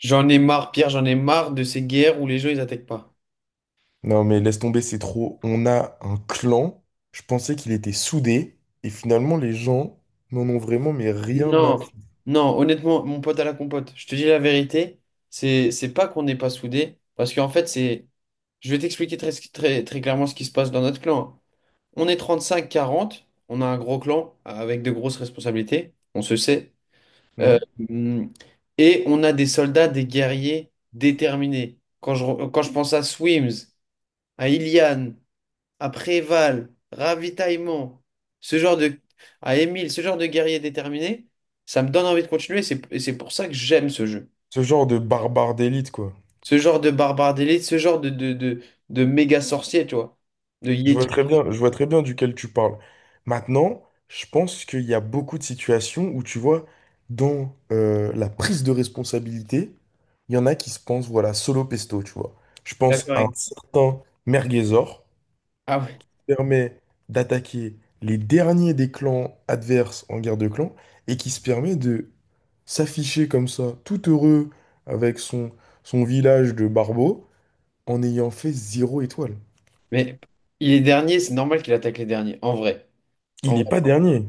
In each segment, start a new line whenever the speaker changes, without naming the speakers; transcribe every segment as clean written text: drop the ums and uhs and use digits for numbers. J'en ai marre, Pierre, j'en ai marre de ces guerres où les gens ils attaquent pas.
Non, mais laisse tomber, c'est trop. On a un clan. Je pensais qu'il était soudé. Et finalement, les gens n'en ont vraiment mais rien à
Non, non, honnêtement, mon pote à la compote, je te dis la vérité, c'est pas qu'on n'est pas soudés, parce qu'en fait, c'est. Je vais t'expliquer très, très, très clairement ce qui se passe dans notre clan. On est 35-40, on a un gros clan avec de grosses responsabilités, on se sait. Euh,
faire.
hum, et on a des soldats, des guerriers déterminés. Quand je pense à Swims, à Ilian, après Val, ravitaillement, ce genre de... à Émile, ce genre de guerrier déterminé, ça me donne envie de continuer. Et c'est pour ça que j'aime ce jeu.
Ce genre de barbare d'élite, quoi.
Ce genre de barbare d'élite, ce genre de méga sorcier, tu vois. De
Je vois
Yeti.
très bien, je vois très bien duquel tu parles. Maintenant, je pense qu'il y a beaucoup de situations où tu vois, dans la prise de responsabilité, il y en a qui se pensent, voilà, solo pesto, tu vois. Je pense
D'accord.
à un certain Merguezor.
Ah ouais.
Permet d'attaquer les derniers des clans adverses en guerre de clans et qui se permet de s'afficher comme ça, tout heureux avec son, son village de barbeaux en ayant fait zéro étoile.
Mais il est dernier, c'est normal qu'il attaque les derniers, en vrai.
Il
En
n'est pas
vrai.
dernier.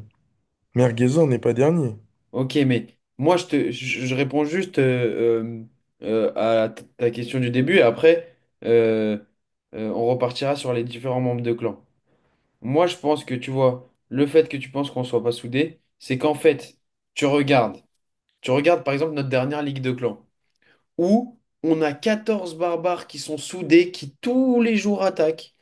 Merguezor n'est pas dernier.
Ok, mais moi, je réponds juste euh, euh, à ta question du début. Et après, euh, on repartira sur les différents membres de clan. Moi, je pense que tu vois, le fait que tu penses qu'on soit pas soudés, c'est qu'en fait, tu regardes, tu regardes par exemple notre dernière Ligue de clans, où on a 14 barbares qui sont soudés, qui tous les jours attaquent,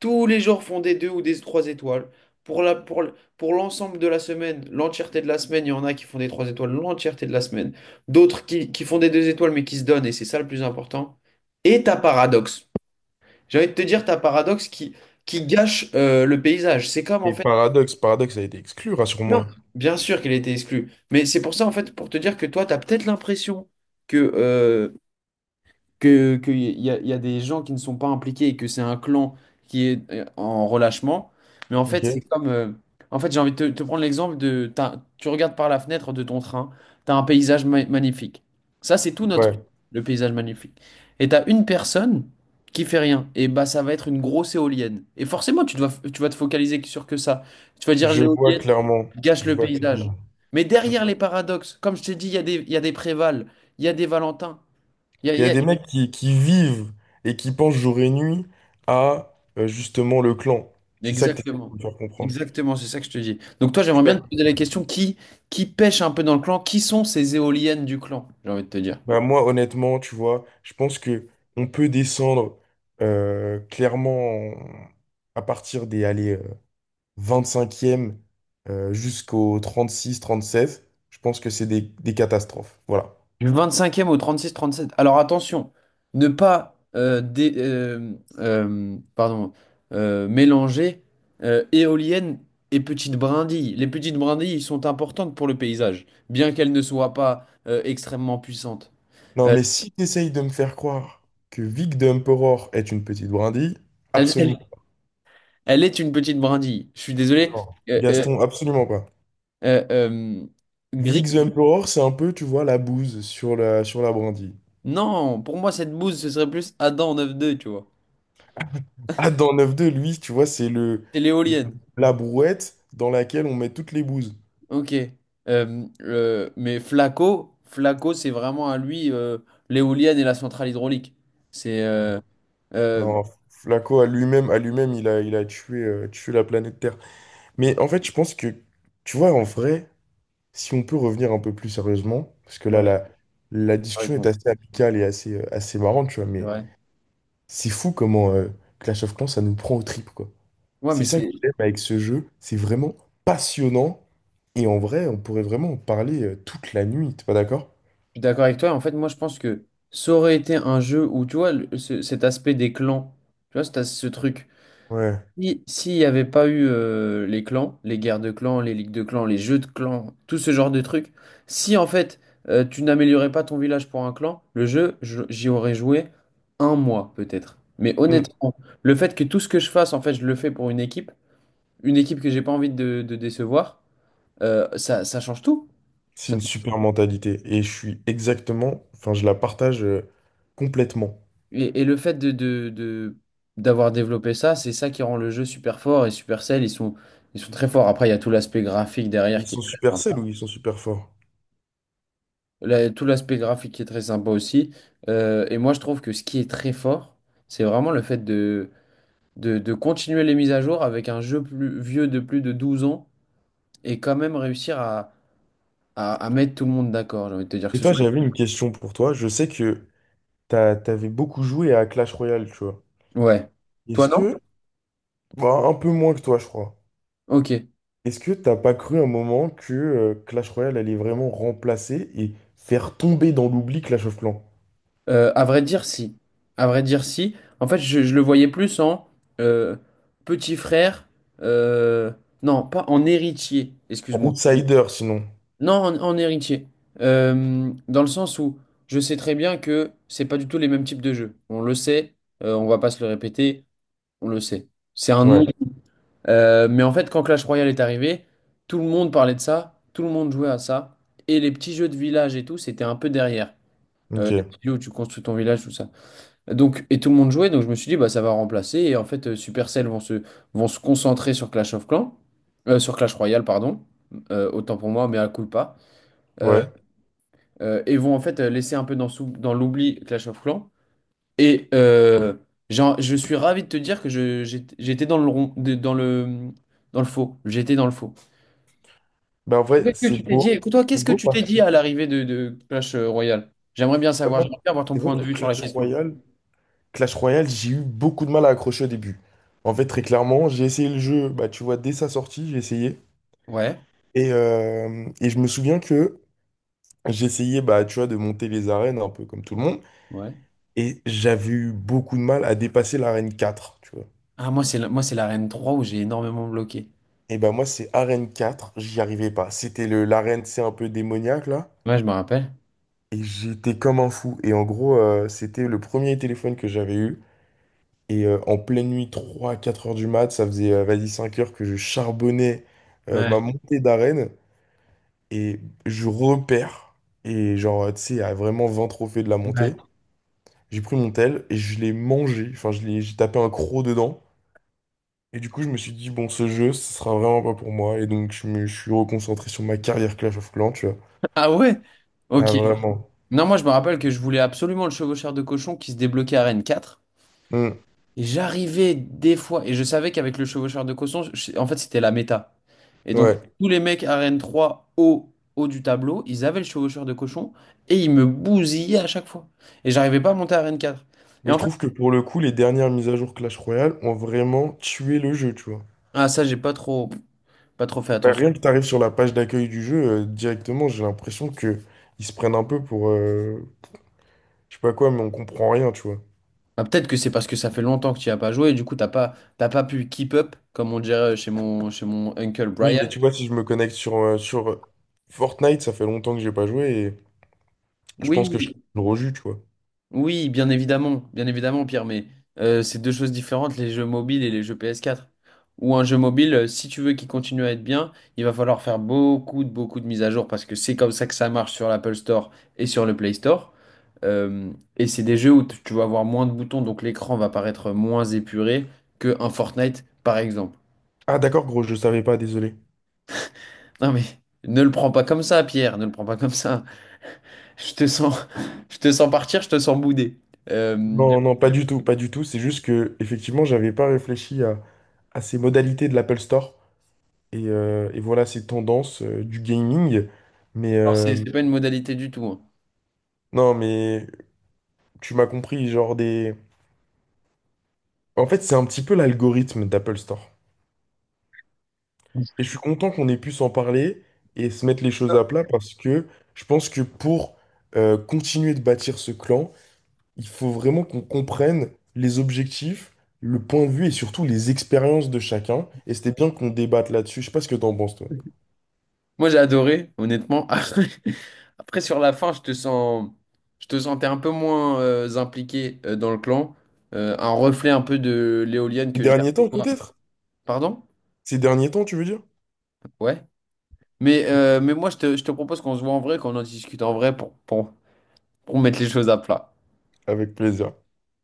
tous les jours font des deux ou des trois étoiles. Pour l'ensemble de la semaine, l'entièreté de la semaine, il y en a qui font des trois étoiles l'entièreté de la semaine, d'autres qui font des deux étoiles mais qui se donnent, et c'est ça le plus important. Et ta paradoxe. J'ai envie de te dire, ta paradoxe qui gâche le paysage. C'est comme en
Et
fait.
Paradoxe, Paradoxe a été exclu, rassure-moi.
Bien sûr qu'elle était exclue. Mais c'est pour ça, en fait, pour te dire que toi, tu as peut-être l'impression que euh, que, qu'il y y a, y a des gens qui ne sont pas impliqués et que c'est un clan qui est en relâchement. Mais en
Ok?
fait, c'est comme. En fait, j'ai envie de te, te prendre l'exemple de. Tu regardes par la fenêtre de ton train, tu as un paysage magnifique. Ça, c'est tout notre.
Ouais.
Le paysage magnifique. Et tu as une personne qui fait rien. Et bah, ça va être une grosse éolienne. Et forcément, tu vas te focaliser sur que ça. Tu vas dire
Je vois
l'éolienne
clairement.
gâche
Je
le
vois
paysage.
clairement.
Mais derrière les paradoxes, comme je t'ai dit, il y a des Préval, il y a des Valentin.
Il y a des mecs qui vivent et qui pensent jour et nuit à justement le clan. C'est ça que tu essaies de
Exactement.
me faire comprendre.
Exactement, c'est ça que je te dis. Donc toi, j'aimerais bien te poser la question, qui pêche un peu dans le clan? Qui sont ces éoliennes du clan? J'ai envie de te dire.
Bah, moi, honnêtement, tu vois, je pense que on peut descendre clairement à partir des allez, 25e jusqu'au 36, 37. Je pense que c'est des catastrophes. Voilà.
Du 25e au 36, 37. Alors attention, ne pas pardon, mélanger éoliennes et petites brindilles. Les petites brindilles sont importantes pour le paysage, bien qu'elles ne soient pas extrêmement puissantes.
Non,
Euh,
mais si tu essayes de me faire croire que Vic the Emperor est une petite brindille,
elle,
absolument
elle- elle est une petite brindille. Je suis désolé.
pas.
Euh, euh,
Gaston, absolument pas.
euh, euh,
Vic the Emperor, c'est un peu, tu vois, la bouse sur sur la brindille.
Non, pour moi, cette bouse, ce serait plus Adam 9-2, tu vois.
Ah, dans 9-2, lui, tu vois, c'est
C'est
le-
l'éolienne.
la brouette dans laquelle on met toutes les bouses.
Ok. Mais Flaco, Flaco, c'est vraiment à lui l'éolienne et la centrale hydraulique. C'est. Euh,
Non, Flaco à lui-même, il a tué, tué la planète Terre. Mais en fait, je pense que, tu vois, en vrai, si on peut revenir un peu plus sérieusement, parce que là,
ouais,
la
c'est vrai.
discussion est
qu'on-
assez amicale et assez, assez marrante, tu vois,
c'est
mais
vrai.
c'est fou comment Clash of Clans, ça nous prend aux tripes, quoi.
Ouais, mais
C'est ça que
c'est.
j'aime avec ce jeu, c'est vraiment passionnant, et en vrai, on pourrait vraiment en parler toute la nuit, t'es pas d'accord?
Je suis d'accord avec toi. En fait, moi, je pense que ça aurait été un jeu où, tu vois, cet aspect des clans, tu vois, c'est ce truc.
Ouais.
Si, s'il n'y avait pas eu les clans, les guerres de clans, les ligues de clans, les jeux de clans, tout ce genre de trucs, si en fait tu n'améliorais pas ton village pour un clan, le jeu, j'y aurais joué un mois peut-être. Mais honnêtement, le fait que tout ce que je fasse, en fait, je le fais pour une équipe que j'ai pas envie de décevoir, ça, ça change tout.
C'est
Ça-
une super mentalité. Et je suis exactement, enfin, je la partage complètement.
et le fait d'avoir développé ça, c'est ça qui rend le jeu super fort et Supercell, ils sont très forts. Après, il y a tout l'aspect graphique derrière
Ils
qui est
sont
très
super sales ou
important.
ils sont super forts.
Tout l'aspect graphique est très sympa aussi. Et moi, je trouve que ce qui est très fort, c'est vraiment le fait de continuer les mises à jour avec un jeu plus vieux de plus de 12 ans et quand même réussir à mettre tout le monde d'accord. J'ai envie de te dire que
Et
ce
toi,
soit.
j'avais une question pour toi. Je sais que t'avais beaucoup joué à Clash Royale, tu vois.
Ouais. Toi,
Est-ce
non?
que, bah, un peu moins que toi, je crois.
Ok.
Est-ce que t'as pas cru un moment que Clash Royale allait vraiment remplacer et faire tomber dans l'oubli Clash of Clans?
À vrai dire, si. À vrai dire, si. En fait, je le voyais plus en euh, petit frère. euh, non, pas en héritier.
En
Excuse-moi.
outsider, sinon.
Non, en héritier. Dans le sens où je sais très bien que c'est pas du tout les mêmes types de jeux. On le sait, on va pas se le répéter, on le sait. C'est un nom.
Ouais,
Mais en fait, quand Clash Royale est arrivé, tout le monde parlait de ça, tout le monde jouait à ça. Et les petits jeux de village et tout, c'était un peu derrière.
ok,
Les petits jeux où tu construis ton village, tout ça. Donc, et tout le monde jouait, donc je me suis dit, bah, ça va remplacer. Et en fait, Supercell vont se concentrer sur Clash of Clans, sur Clash Royale, pardon. Autant pour moi, mais à coup pas. Euh,
ouais.
et vont en fait laisser un peu dans l'oubli Clash of Clans. Et je suis ravi de te dire que j'étais dans le rond, dans le faux. J'étais dans le faux.
Ben en vrai,
Qu'est-ce que tu
c'est
t'es dit?
beau.
Écoute, toi,
C'est
qu'est-ce que
beau
tu t'es
parce
dit à l'arrivée de Clash Royale? J'aimerais bien
que
savoir,
moi,
j'aimerais bien avoir ton
c'est vrai
point de
que
vue sur la
Clash
question.
Royale. Clash Royale, j'ai eu beaucoup de mal à accrocher au début. En fait, très clairement, j'ai essayé le jeu, bah, tu vois, dès sa sortie, j'ai essayé.
Ouais,
Et je me souviens que j'essayais, bah, tu vois, de monter les arènes un peu comme tout le monde.
ouais.
Et j'avais eu beaucoup de mal à dépasser l'arène 4, tu vois.
Ah, moi, c'est l'arène 3 où j'ai énormément bloqué.
Et bah moi, c'est arène 4, j'y arrivais pas. C'était le l'arène, c'est un peu démoniaque, là.
Ouais, je me rappelle.
Et j'étais comme un fou. Et en gros, c'était le premier téléphone que j'avais eu. Et en pleine nuit, 3, à 4 heures du mat, ça faisait, vas-y, 5 heures que je charbonnais ma
Ouais.
montée d'arène. Et je repère. Et genre, tu sais, à vraiment 20 trophées de la
Ouais.
montée. J'ai pris mon tel et je l'ai mangé. Enfin, j'ai tapé un croc dedans. Et du coup, je me suis dit, bon, ce jeu, ce sera vraiment pas pour moi. Et donc, je suis reconcentré sur ma carrière Clash of Clans, tu vois.
Ah ouais?
Ah,
Ok.
vraiment.
Non, moi, je me rappelle que je voulais absolument le chevaucheur de cochon qui se débloquait à Rennes 4.
Hmm,
Et j'arrivais des fois, et je savais qu'avec le chevaucheur de cochon, en fait, c'était la méta. Et donc,
ouais.
tous les mecs Arène 3 haut, haut du tableau, ils avaient le chevaucheur de cochon, et ils me bousillaient à chaque fois. Et j'arrivais pas à monter Arène quatre. Et
Mais je
en fait,
trouve que pour le coup, les dernières mises à jour Clash Royale ont vraiment tué le jeu, tu vois.
ah, ça, j'ai pas trop fait
Bah,
attention.
rien que tu arrives sur la page d'accueil du jeu, directement, j'ai l'impression que ils se prennent un peu pour, je sais pas quoi, mais on comprend rien, tu vois.
Ah, peut-être que c'est parce que ça fait longtemps que tu n'y as pas joué, et du coup, t'as pas pu keep up, comme on dirait chez chez mon uncle
Oui,
Brian.
mais tu vois, si je me connecte sur, sur Fortnite, ça fait longtemps que j'ai pas joué et je pense que je
Oui,
serai gros jus, tu vois.
oui, bien évidemment, Pierre, mais c'est deux choses différentes, les jeux mobiles et les jeux PS4. Ou un jeu mobile, si tu veux qu'il continue à être bien, il va falloir faire beaucoup de mises à jour parce que c'est comme ça que ça marche sur l'Apple Store et sur le Play Store. Et c'est des jeux où tu vas avoir moins de boutons, donc l'écran va paraître moins épuré que un Fortnite, par exemple.
Ah d'accord, gros, je savais pas, désolé.
Non mais ne le prends pas comme ça, Pierre, ne le prends pas comme ça. Je te sens, je te sens partir, je te sens bouder. Euh,
Non, non, pas du tout, pas du tout. C'est juste que, effectivement, j'avais pas réfléchi à ces modalités de l'Apple Store et voilà ces tendances du gaming. Mais
alors c'est c'est pas une modalité du tout, hein.
non, mais tu m'as compris, genre des. En fait, c'est un petit peu l'algorithme d'Apple Store. Et je suis content qu'on ait pu s'en parler et se mettre les choses à plat parce que je pense que pour continuer de bâtir ce clan, il faut vraiment qu'on comprenne les objectifs, le point de vue et surtout les expériences de chacun. Et c'était bien qu'on débatte là-dessus. Je sais pas ce que t'en penses, toi.
Moi, j'ai adoré, honnêtement. Après, après, sur la fin, je te sentais un peu moins impliqué dans le clan. Un reflet un peu de l'éolienne
Ces
que
derniers temps,
j'aperçois.
peut-être?
Pardon?
Ces derniers temps, tu veux dire?
Ouais. Mais moi, je te propose qu'on se voit en vrai, qu'on en discute en vrai pour mettre les choses à plat.
Avec plaisir.